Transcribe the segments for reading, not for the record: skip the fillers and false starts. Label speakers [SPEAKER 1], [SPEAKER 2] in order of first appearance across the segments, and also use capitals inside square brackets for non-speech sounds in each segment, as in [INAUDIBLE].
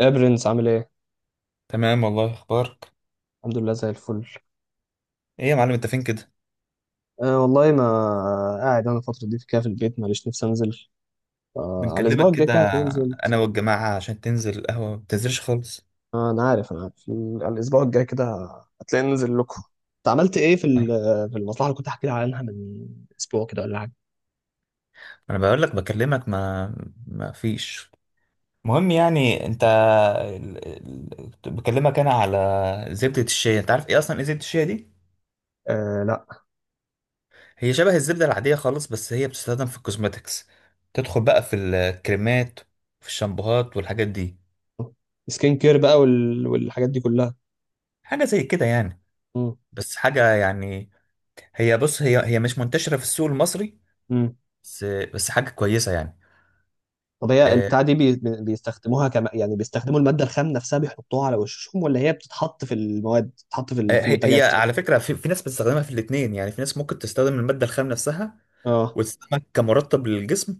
[SPEAKER 1] يا برنس عامل ايه؟
[SPEAKER 2] تمام والله اخبارك.
[SPEAKER 1] الحمد لله زي الفل.
[SPEAKER 2] ايه يا معلم، انت فين كده؟
[SPEAKER 1] أه والله ما... قاعد انا الفترة دي كده في البيت ماليش نفسي انزل. أه على الاسبوع
[SPEAKER 2] بنكلمك
[SPEAKER 1] الجاي
[SPEAKER 2] كده
[SPEAKER 1] كده هتلاقيني نزلت.
[SPEAKER 2] انا والجماعه عشان تنزل القهوه ما بتنزلش خالص.
[SPEAKER 1] أه انا عارف. على الاسبوع الجاي كده هتلاقيني ننزل لكم. انت عملت ايه في المصلحة اللي كنت احكي لك عنها من اسبوع كده ولا حاجة؟
[SPEAKER 2] انا بقول لك بكلمك، ما فيش. المهم يعني انت كنت بكلمك انا على زبده الشيا. انت عارف ايه اصلا ايه زبده الشيا دي؟
[SPEAKER 1] أه لا.
[SPEAKER 2] هي شبه الزبده العاديه خالص، بس هي بتستخدم في الكوزماتكس. تدخل بقى في الكريمات، في الشامبوهات والحاجات دي.
[SPEAKER 1] سكين كير بقى والحاجات دي كلها.
[SPEAKER 2] حاجه زي كده يعني.
[SPEAKER 1] مم.
[SPEAKER 2] بس حاجه يعني. هي، بص، هي مش منتشره في السوق المصري.
[SPEAKER 1] مم.
[SPEAKER 2] بس حاجة كويسة يعني.
[SPEAKER 1] طب هي
[SPEAKER 2] آه،
[SPEAKER 1] البتاع دي يعني بيستخدموا المادة الخام نفسها بيحطوها على وشهم ولا هي بتتحط في المواد في
[SPEAKER 2] هي
[SPEAKER 1] المنتجات؟
[SPEAKER 2] على فكرة في ناس بتستخدمها في الاتنين. يعني في ناس ممكن تستخدم المادة الخام نفسها
[SPEAKER 1] اه.
[SPEAKER 2] وتستخدمها كمرطب للجسم.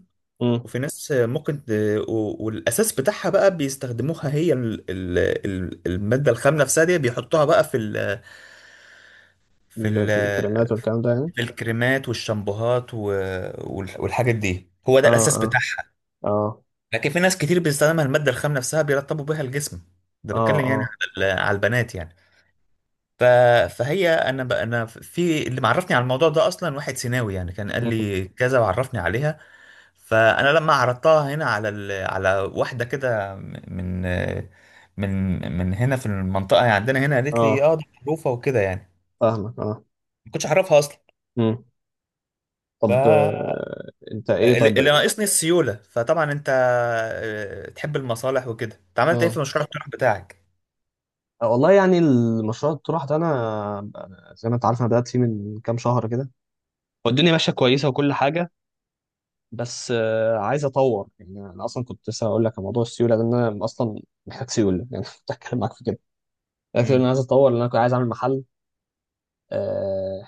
[SPEAKER 2] وفي ناس ممكن والأساس بتاعها بقى بيستخدموها، هي المادة الخام نفسها دي بيحطوها بقى في ال
[SPEAKER 1] في الكلمات والكلام ده يعني.
[SPEAKER 2] في الكريمات والشامبوهات والحاجات دي هو ده الأساس
[SPEAKER 1] اه
[SPEAKER 2] بتاعها.
[SPEAKER 1] اه
[SPEAKER 2] لكن في ناس كتير بيستخدمها المادة الخام نفسها بيرطبوا بيها الجسم. ده
[SPEAKER 1] اه اه
[SPEAKER 2] بتكلم يعني
[SPEAKER 1] اه.
[SPEAKER 2] على على البنات يعني. ف... فهي انا انا في اللي معرفني على الموضوع ده اصلا واحد سيناوي يعني، كان قال
[SPEAKER 1] مم.
[SPEAKER 2] لي كذا وعرفني عليها. فانا لما عرضتها هنا على على واحده كده من هنا في المنطقه يعني عندنا هنا، قالت لي
[SPEAKER 1] اه
[SPEAKER 2] اه دي معروفه وكده يعني.
[SPEAKER 1] فاهمك اه.
[SPEAKER 2] ما كنتش اعرفها اصلا.
[SPEAKER 1] مم.
[SPEAKER 2] ف
[SPEAKER 1] طب انت ايه،
[SPEAKER 2] اللي
[SPEAKER 1] طيب
[SPEAKER 2] اللي
[SPEAKER 1] بدأ.
[SPEAKER 2] ناقصني السيوله. فطبعا انت تحب المصالح وكده، انت عملت ايه
[SPEAKER 1] اه.
[SPEAKER 2] في مشروع الطرح بتاعك؟
[SPEAKER 1] والله يعني المشروع الطروحة ده انا، أنا زي ما انت عارف انا بدأت فيه من كام شهر كده، والدنيا ماشية كويسة وكل حاجة. بس عايز اطور، يعني انا اصلا كنت لسه هقول لك عن موضوع السيولة ده إن انا اصلا محتاج سيولة يعني [LAUGHS] كنت هتكلم معاك في كده. لكن انا
[SPEAKER 2] امم
[SPEAKER 1] عايز اطور لان انا كنت عايز اعمل محل. آه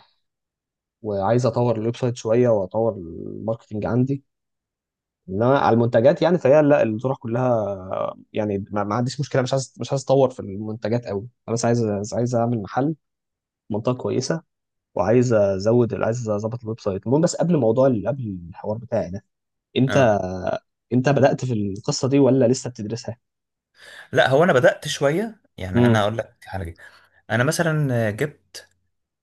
[SPEAKER 1] وعايز اطور الويب سايت شوية واطور الماركتنج عندي، انما على المنتجات يعني فهي لا الطرح كلها يعني ما عنديش مشكله، مش عايز اطور في المنتجات قوي. انا بس عايز اعمل محل، منطقه كويسه، وعايز ازود عايز اظبط الويب سايت. المهم بس قبل موضوع قبل الحوار بتاعي ده، انت
[SPEAKER 2] اه،
[SPEAKER 1] انت بدأت في القصه دي ولا لسه بتدرسها؟
[SPEAKER 2] لا هو انا بدات شويه يعني. انا
[SPEAKER 1] امم.
[SPEAKER 2] اقول لك على حاجه. انا مثلا جبت،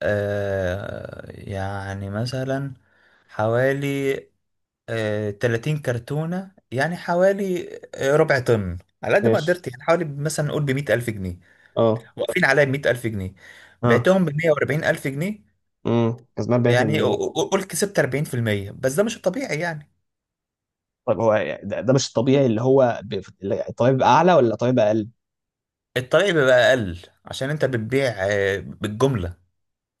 [SPEAKER 2] يعني مثلا حوالي، 30 كرتونة، يعني حوالي ربع طن على قد ما
[SPEAKER 1] ماشي.
[SPEAKER 2] قدرت. يعني حوالي مثلا نقول ب100000 جنيه.
[SPEAKER 1] اه.
[SPEAKER 2] واقفين عليا ب100000 جنيه.
[SPEAKER 1] اه.
[SPEAKER 2] بعتهم ب140000 جنيه.
[SPEAKER 1] امم، كسبان
[SPEAKER 2] يعني
[SPEAKER 1] 40%.
[SPEAKER 2] قول كسبت 40%، بس ده مش الطبيعي يعني.
[SPEAKER 1] طيب هو ده مش الطبيعي، اللي هو الطبيعي بقى اعلى ولا الطبيعي بقى اقل؟
[SPEAKER 2] الطبيعي بيبقى أقل عشان أنت بتبيع بالجملة.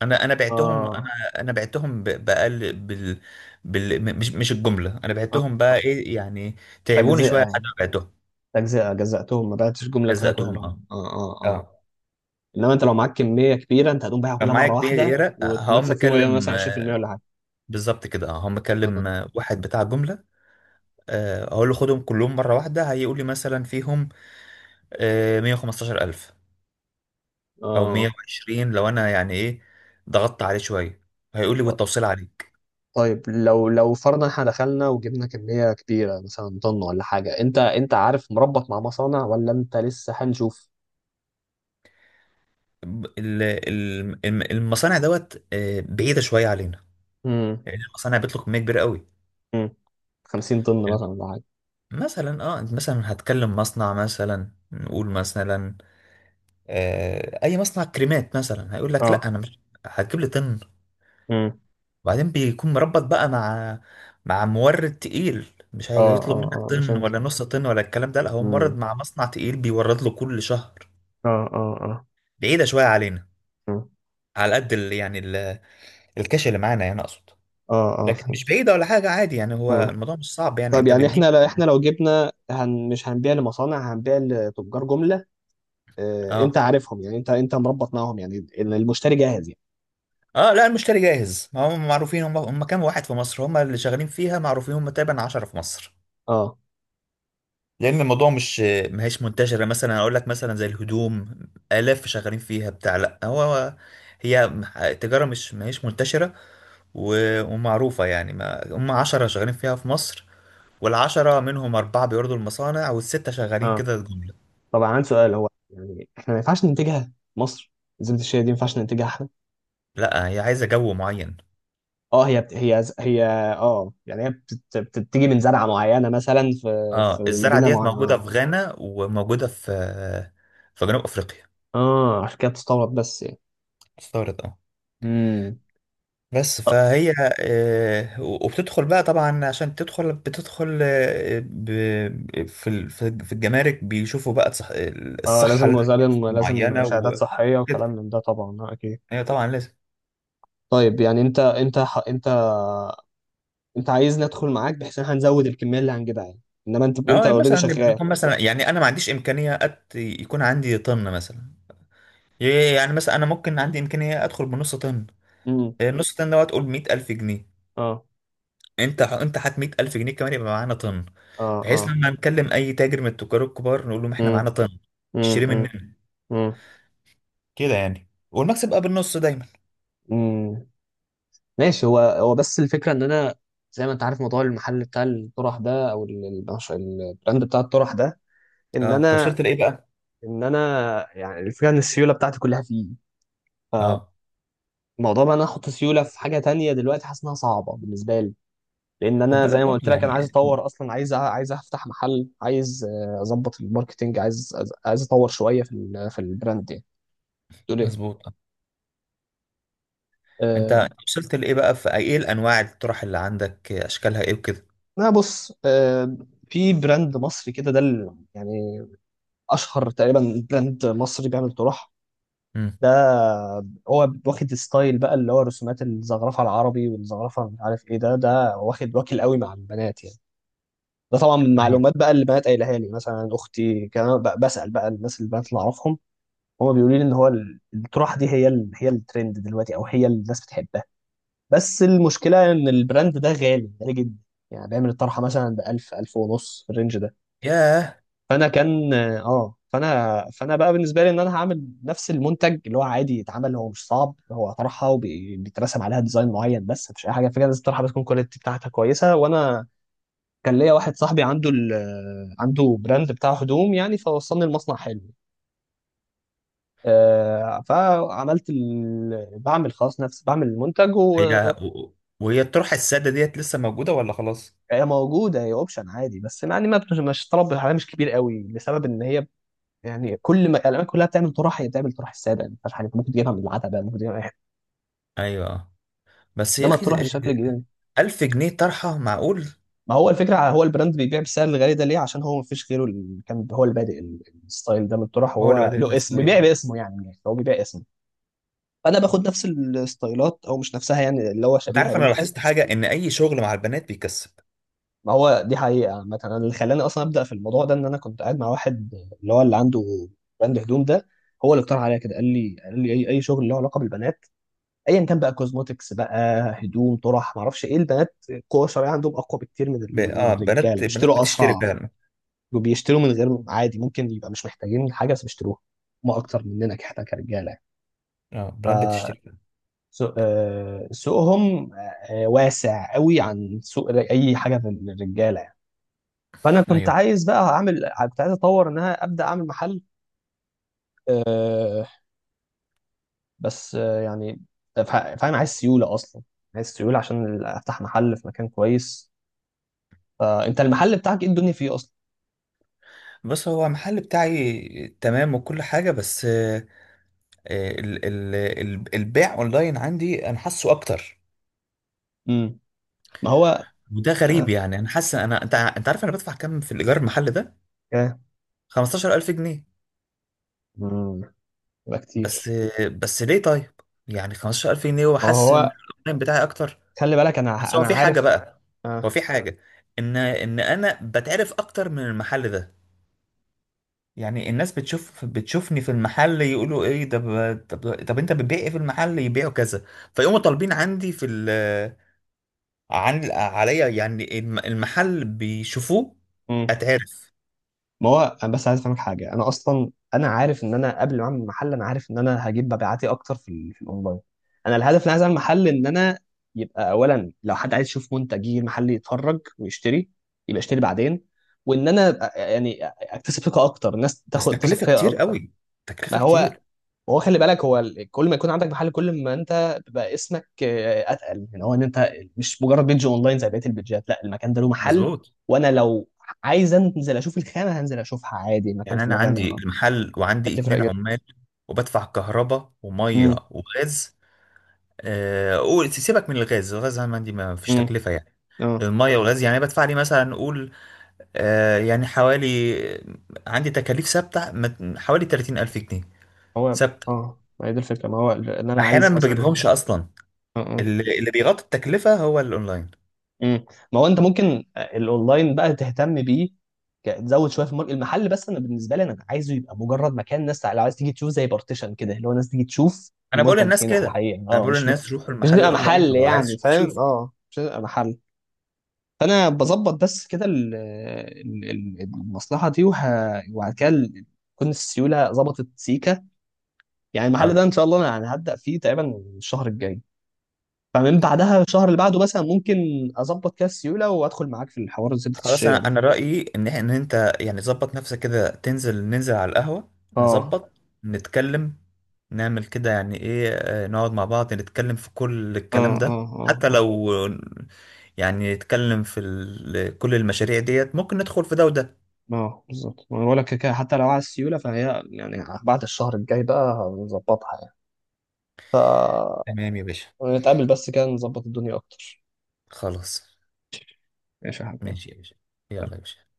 [SPEAKER 2] انا بعتهم.
[SPEAKER 1] اه.
[SPEAKER 2] انا بعتهم بأقل مش الجمله، انا
[SPEAKER 1] اه.
[SPEAKER 2] بعتهم بقى ايه يعني. تعبوني
[SPEAKER 1] تجزئه
[SPEAKER 2] شويه لحد
[SPEAKER 1] يعني،
[SPEAKER 2] ما بعتهم.
[SPEAKER 1] تجزئه، جزأتهم ما بعتش جمله كده
[SPEAKER 2] جزأتهم، اه
[SPEAKER 1] كلهم. اه اه اه.
[SPEAKER 2] اه.
[SPEAKER 1] انما انت لو معاك كميه كبيره انت هتقوم بايعها
[SPEAKER 2] كان
[SPEAKER 1] كلها
[SPEAKER 2] معايا
[SPEAKER 1] مره واحده
[SPEAKER 2] كبيره هقوم
[SPEAKER 1] وتكسب فيهم
[SPEAKER 2] مكلم،
[SPEAKER 1] مثلا 20% ولا حاجه.
[SPEAKER 2] بالظبط كده. اه هقوم
[SPEAKER 1] آه.
[SPEAKER 2] مكلم واحد بتاع جمله. اقول له خدهم كلهم مره واحده، هيقول لي مثلا فيهم 115000 او
[SPEAKER 1] اه.
[SPEAKER 2] 120. لو انا يعني ايه ضغطت عليه شويه هيقول لي والتوصيل عليك.
[SPEAKER 1] طيب لو فرضا احنا دخلنا وجبنا كميه كبيره مثلا طن ولا حاجه، انت عارف مربط مع مصانع ولا انت لسه هنشوف؟
[SPEAKER 2] ب- ال- المصانع دوت بعيده شويه علينا
[SPEAKER 1] امم
[SPEAKER 2] لأن المصانع بيطلق كمية كبيرة قوي.
[SPEAKER 1] امم 50 طن
[SPEAKER 2] الم-
[SPEAKER 1] مثلا ولا حاجه.
[SPEAKER 2] مثلا اه انت مثلا هتكلم مصنع، مثلا نقول مثلا اي مصنع كريمات، مثلا هيقول لك لا
[SPEAKER 1] اه.
[SPEAKER 2] انا مش هتجيب لي طن.
[SPEAKER 1] امم
[SPEAKER 2] وبعدين بيكون مربط بقى مع مورد تقيل. مش
[SPEAKER 1] اه
[SPEAKER 2] هيطلب
[SPEAKER 1] اه
[SPEAKER 2] منك
[SPEAKER 1] اه مش
[SPEAKER 2] طن
[SPEAKER 1] انت.
[SPEAKER 2] ولا نص طن ولا الكلام ده، لا هو مورد
[SPEAKER 1] امم.
[SPEAKER 2] مع مصنع تقيل بيورد له كل شهر.
[SPEAKER 1] اه اه اه.
[SPEAKER 2] بعيدة شوية علينا
[SPEAKER 1] مم.
[SPEAKER 2] على قد ال يعني ال الكاش اللي معانا، يعني اقصد.
[SPEAKER 1] اه اه
[SPEAKER 2] لكن مش
[SPEAKER 1] فهمت.
[SPEAKER 2] بعيدة ولا حاجة، عادي يعني هو
[SPEAKER 1] مم.
[SPEAKER 2] الموضوع مش صعب يعني
[SPEAKER 1] طيب
[SPEAKER 2] انت
[SPEAKER 1] يعني
[SPEAKER 2] بتجيب.
[SPEAKER 1] احنا لو جبنا مش هنبيع لمصانع، هنبيع لتجار جمله. انت
[SPEAKER 2] اه
[SPEAKER 1] عارفهم، يعني انت مربط معاهم، يعني المشتري جاهز يعني؟
[SPEAKER 2] اه، لا المشتري جاهز، هم معروفين. هم كام واحد في مصر هم اللي شغالين فيها، معروفين، هم تقريبا 10 في مصر.
[SPEAKER 1] اه.
[SPEAKER 2] لان الموضوع مش، ما هيش منتشره. مثلا اقول لك مثلا زي الهدوم، الاف شغالين فيها بتاع، لا هو هي تجاره مش، ما هيش منتشره ومعروفه يعني. ما هم 10 شغالين فيها في مصر، والعشرة منهم أربعة بيوردوا المصانع والستة شغالين
[SPEAKER 1] اه.
[SPEAKER 2] كده الجملة.
[SPEAKER 1] طبعا عندي سؤال، هو يعني احنا ما ينفعش ننتجها مصر؟ زبدة الشيا دي ما ينفعش ننتجها احنا؟
[SPEAKER 2] لا هي عايزة جو معين.
[SPEAKER 1] اه هي. اه يعني هي بتتيجي من زرعة معينة مثلا في
[SPEAKER 2] اه الزرعة
[SPEAKER 1] مدينة
[SPEAKER 2] ديت موجودة
[SPEAKER 1] معينة.
[SPEAKER 2] في غانا وموجودة في جنوب أفريقيا.
[SPEAKER 1] اه عشان كده بتستورد بس يعني.
[SPEAKER 2] استغرب اه.
[SPEAKER 1] امم.
[SPEAKER 2] بس
[SPEAKER 1] اه
[SPEAKER 2] فهي وبتدخل بقى طبعا. عشان تدخل بتدخل في في الجمارك بيشوفوا بقى الصحة
[SPEAKER 1] لازم
[SPEAKER 2] معينة
[SPEAKER 1] شهادات صحية وكلام
[SPEAKER 2] وكده.
[SPEAKER 1] من ده طبعا، اكيد.
[SPEAKER 2] هي طبعا لازم.
[SPEAKER 1] طيب يعني انت انت ح- انت انت عايزني ادخل معاك بحيث ان احنا هنزود الكمية اللي هنجيبها يعني، انما انت
[SPEAKER 2] اه يعني
[SPEAKER 1] اوريدي
[SPEAKER 2] مثلا
[SPEAKER 1] شغال.
[SPEAKER 2] نكون مثلا. يعني انا ما عنديش امكانية يكون عندي طن مثلا. يعني مثلا انا ممكن عندي امكانية ادخل بنص طن. النص طن ده تقول 100000 جنيه.
[SPEAKER 1] اه
[SPEAKER 2] انت هات 100000 جنيه كمان يبقى معانا طن،
[SPEAKER 1] اه اه.
[SPEAKER 2] بحيث لما نكلم اي تاجر من التجار الكبار نقول لهم احنا
[SPEAKER 1] امم
[SPEAKER 2] معانا طن اشتري
[SPEAKER 1] امم
[SPEAKER 2] مننا.
[SPEAKER 1] امم
[SPEAKER 2] كده يعني والمكسب بقى بالنص دايما.
[SPEAKER 1] امم ماشي. هو بس الفكره ان انا، زي ما انت عارف موضوع المحل بتاع الطرح ده، او البراند بتاع الطرح ده، ان
[SPEAKER 2] اه انت
[SPEAKER 1] انا
[SPEAKER 2] وصلت لايه بقى؟
[SPEAKER 1] ان انا يعني الفكره ان السيوله بتاعتي كلها فيه.
[SPEAKER 2] اه
[SPEAKER 1] فموضوع بقى ان انا احط سيوله في حاجه تانية دلوقتي حاسس انها صعبه بالنسبه لي، لان
[SPEAKER 2] خد
[SPEAKER 1] انا زي
[SPEAKER 2] بالك
[SPEAKER 1] ما
[SPEAKER 2] برضه
[SPEAKER 1] قلت لك انا عايز
[SPEAKER 2] يعني.
[SPEAKER 1] اطور اصلا، عايز عايز افتح محل، عايز اظبط الماركتينج، عايز اطور شويه في البراند يعني. تقول ايه؟
[SPEAKER 2] مظبوط. آه. انت
[SPEAKER 1] آه،
[SPEAKER 2] أنت وصلت لايه بقى، في ايه الانواع الطرح اللي عندك، اشكالها ايه وكده؟
[SPEAKER 1] لا بص، في براند مصري كده، ده يعني اشهر تقريبا براند مصري بيعمل طرح.
[SPEAKER 2] امم.
[SPEAKER 1] ده هو واخد ستايل بقى، اللي هو رسومات الزخرفه العربي والزخرفه مش عارف ايه، ده واخد واكل قوي مع البنات يعني. ده طبعا من
[SPEAKER 2] مم.
[SPEAKER 1] معلومات بقى اللي البنات قايلها لي، مثلا اختي، كان أنا بسال بقى الناس البنات اللي اعرفهم، هما بيقولوا لي ان هو الطرح دي هي هي الترند دلوقتي، او هي اللي الناس بتحبها. بس المشكله ان البراند ده غالي غالي جدا، يعني بيعمل الطرحه مثلا ب 1000، 1000 ونص في الرينج ده.
[SPEAKER 2] ياه.
[SPEAKER 1] فانا كان اه فانا فانا بقى بالنسبه لي ان انا هعمل نفس المنتج اللي هو عادي يتعمل، هو مش صعب، هو طرحه وبيترسم عليها ديزاين معين، بس مفيش اي حاجه، فكره لازم الطرحه بتكون كواليتي بتاعتها كويسه. وانا كان ليا واحد صاحبي عنده براند بتاع هدوم يعني، فوصلني المصنع حلو. بعمل خلاص نفس، بعمل المنتج. وهي
[SPEAKER 2] هي و- وهي الطرحه الساده ديت لسه موجوده ولا خلاص؟
[SPEAKER 1] موجوده، هي اوبشن عادي، بس يعني ما بتش- مش طلب عليها مش كبير قوي، لسبب ان هي يعني كل ما الالوان كلها بتعمل طرح، هي بتعمل طرح الساده، يعني ما فيهاش حاجه، أنت ممكن تجيبها من العتبه، ممكن تجيبها من اي حته.
[SPEAKER 2] ايوه. آه. بس يا
[SPEAKER 1] انما
[SPEAKER 2] اخي،
[SPEAKER 1] الطرح الشكل الجديد،
[SPEAKER 2] 1000 جنيه طرحة معقول؟
[SPEAKER 1] ما هو الفكره هو البراند بيبيع بالسعر الغالي ده ليه؟ عشان هو ما فيش غيره، اللي كان هو اللي بادئ الستايل ده من الطرح،
[SPEAKER 2] هو اللي
[SPEAKER 1] وهو
[SPEAKER 2] بدأ
[SPEAKER 1] له اسم
[SPEAKER 2] الستايل.
[SPEAKER 1] بيبيع باسمه، يعني هو بيبيع اسمه. فانا باخد نفس الستايلات او مش نفسها يعني، اللي هو
[SPEAKER 2] انت
[SPEAKER 1] شبيهه
[SPEAKER 2] عارف انا
[SPEAKER 1] ليها.
[SPEAKER 2] لاحظت حاجه، ان اي شغل مع البنات بيكسب.
[SPEAKER 1] ما هو دي حقيقه، مثلا اللي خلاني اصلا ابدا في الموضوع ده ان انا كنت قاعد مع واحد، اللي هو اللي عنده براند هدوم ده، هو اللي اقترح عليا كده، قال لي اي شغل له علاقه بالبنات، ايا كان بقى، كوزموتكس بقى، هدوم، طرح، ما اعرفش ايه، البنات القوه الشرعيه عندهم اقوى بكتير من
[SPEAKER 2] اه
[SPEAKER 1] الرجاله،
[SPEAKER 2] بنات، بنات
[SPEAKER 1] بيشتروا
[SPEAKER 2] بتشتري
[SPEAKER 1] اسرع،
[SPEAKER 2] فعلا.
[SPEAKER 1] وبيشتروا من غير، عادي ممكن يبقى مش محتاجين حاجه بس بيشتروها، ما اكتر مننا، احنا كرجاله يعني.
[SPEAKER 2] اه بنات بتشتري فعلا.
[SPEAKER 1] سوقهم واسع قوي عن سوق اي حاجه في الرجاله يعني. فانا كنت
[SPEAKER 2] ايوه.
[SPEAKER 1] عايز بقى اعمل، كنت عايز اطور ان انا ابدا اعمل محل. آه، بس يعني، فاهم، عايز سيوله اصلا، عايز سيوله عشان افتح محل في مكان كويس. انت المحل بتاعك ايه الدنيا فيه اصلا؟
[SPEAKER 2] بص هو المحل بتاعي تمام وكل حاجة، بس ال ال ال البيع اونلاين عندي انا حاسه اكتر.
[SPEAKER 1] امم. ما هو
[SPEAKER 2] وده غريب
[SPEAKER 1] اه
[SPEAKER 2] يعني. انا حاسس انا، انت عارف انا بدفع كام في الايجار المحل ده؟
[SPEAKER 1] آه،
[SPEAKER 2] 15000 جنيه.
[SPEAKER 1] مم. يبقى
[SPEAKER 2] بس
[SPEAKER 1] كتير.
[SPEAKER 2] بس ليه طيب؟ يعني 15000 جنيه
[SPEAKER 1] ما
[SPEAKER 2] وحاسس ان
[SPEAKER 1] هو
[SPEAKER 2] الاونلاين بتاعي اكتر.
[SPEAKER 1] خلي بالك،
[SPEAKER 2] بس هو
[SPEAKER 1] انا
[SPEAKER 2] في حاجة
[SPEAKER 1] عارف.
[SPEAKER 2] بقى. هو
[SPEAKER 1] اه.
[SPEAKER 2] في حاجة، ان ان انا بتعرف اكتر من المحل ده. يعني الناس بتشوفني في المحل يقولوا ايه ده. طب انت بتبيع ايه في المحل، يبيعوا كذا. فيقوموا طالبين عندي في ال، عن عليا يعني المحل بيشوفوه.
[SPEAKER 1] امم.
[SPEAKER 2] اتعرف.
[SPEAKER 1] ما هو انا بس عايز افهمك حاجه، انا اصلا انا عارف ان انا قبل ما اعمل محل انا عارف ان انا هجيب مبيعاتي اكتر في الاونلاين. انا الهدف اللي عايز اعمل محل ان انا يبقى اولا، لو حد عايز يشوف منتج يجي المحل يتفرج ويشتري، يبقى يشتري بعدين، وان انا يعني اكتسب ثقه اكتر، الناس
[SPEAKER 2] بس
[SPEAKER 1] تاخد تثق
[SPEAKER 2] تكلفة
[SPEAKER 1] فيا
[SPEAKER 2] كتير
[SPEAKER 1] اكتر.
[SPEAKER 2] قوي.
[SPEAKER 1] ما
[SPEAKER 2] تكلفة كتير.
[SPEAKER 1] هو خلي بالك، هو كل ما يكون عندك محل كل ما انت بيبقى اسمك اتقل، يعني هو ان انت مش مجرد بيج اونلاين زي بقيه البيجات، لا المكان ده له محل.
[SPEAKER 2] مظبوط.
[SPEAKER 1] وانا لو عايز انزل اشوف الخامه هنزل اشوفها عادي، مكان
[SPEAKER 2] يعني
[SPEAKER 1] في
[SPEAKER 2] انا
[SPEAKER 1] مكان،
[SPEAKER 2] عندي المحل وعندي
[SPEAKER 1] هتفرق
[SPEAKER 2] اتنين
[SPEAKER 1] جدا.
[SPEAKER 2] عمال، وبدفع كهرباء
[SPEAKER 1] امم.
[SPEAKER 2] وميه وغاز. قول سيبك من الغاز. الغاز عندي ما فيش
[SPEAKER 1] امم.
[SPEAKER 2] تكلفة يعني.
[SPEAKER 1] اه.
[SPEAKER 2] الميه والغاز يعني بدفع لي مثلا قول، يعني حوالي، عندي تكاليف ثابتة حوالي 30000 جنيه
[SPEAKER 1] هو
[SPEAKER 2] ثابتة.
[SPEAKER 1] اه ما هي دي الفكره، ما هو ان انا
[SPEAKER 2] أحيانا
[SPEAKER 1] عايز
[SPEAKER 2] ما
[SPEAKER 1] اصلا.
[SPEAKER 2] بجيبهمش أصلا.
[SPEAKER 1] اه. اه.
[SPEAKER 2] اللي بيغطي التكلفة هو الأونلاين.
[SPEAKER 1] مم. ما هو انت ممكن الاونلاين بقى تهتم بيه، تزود شويه في الماركت، المحل بس انا بالنسبه لي انا عايزه يبقى مجرد مكان، ناس لو عايز تيجي تشوف، زي بارتيشن كده، اللي هو الناس تيجي تشوف
[SPEAKER 2] أنا بقول
[SPEAKER 1] المنتج
[SPEAKER 2] للناس
[SPEAKER 1] هنا على
[SPEAKER 2] كده.
[SPEAKER 1] الحقيقه،
[SPEAKER 2] أنا
[SPEAKER 1] اه
[SPEAKER 2] بقول
[SPEAKER 1] مش
[SPEAKER 2] للناس روحوا
[SPEAKER 1] مش
[SPEAKER 2] المحل،
[SPEAKER 1] بيبقى
[SPEAKER 2] الأونلاين
[SPEAKER 1] محل
[SPEAKER 2] هو عايز
[SPEAKER 1] يعني،
[SPEAKER 2] يشوف
[SPEAKER 1] فاهم؟
[SPEAKER 2] شوف.
[SPEAKER 1] اه مش بيبقى محل. فانا بظبط بس كده المصلحه دي وبعد كده تكون السيوله ظبطت سيكا. يعني المحل ده
[SPEAKER 2] آه.
[SPEAKER 1] ان شاء الله انا يعني هبدا فيه تقريبا الشهر الجاي. فمن بعدها الشهر اللي بعده مثلا ممكن اظبط كده السيوله وادخل معاك في الحوار زبده
[SPEAKER 2] خلاص انا
[SPEAKER 1] الشيا ده.
[SPEAKER 2] انا رايي ان ان انت يعني ظبط نفسك كده تنزل، ننزل على القهوه
[SPEAKER 1] اه
[SPEAKER 2] نظبط، نتكلم، نعمل كده يعني ايه، نقعد مع بعض نتكلم في كل الكلام
[SPEAKER 1] اه اه
[SPEAKER 2] ده.
[SPEAKER 1] اه
[SPEAKER 2] حتى
[SPEAKER 1] اه
[SPEAKER 2] لو يعني نتكلم في كل المشاريع ديت، ممكن ندخل في ده وده.
[SPEAKER 1] اه. بالظبط ما أنا بقول لك، كده كده، حتى لو على السيوله فهي يعني، بعد الشهر الجاي بقى هنظبطها يعني. ف،
[SPEAKER 2] تمام يا باشا.
[SPEAKER 1] نتقابل بس كده نظبط الدنيا اكتر.
[SPEAKER 2] خلاص.
[SPEAKER 1] ماشي يا حبيبي.
[SPEAKER 2] ماشي يا باشا. يلا يا باشا.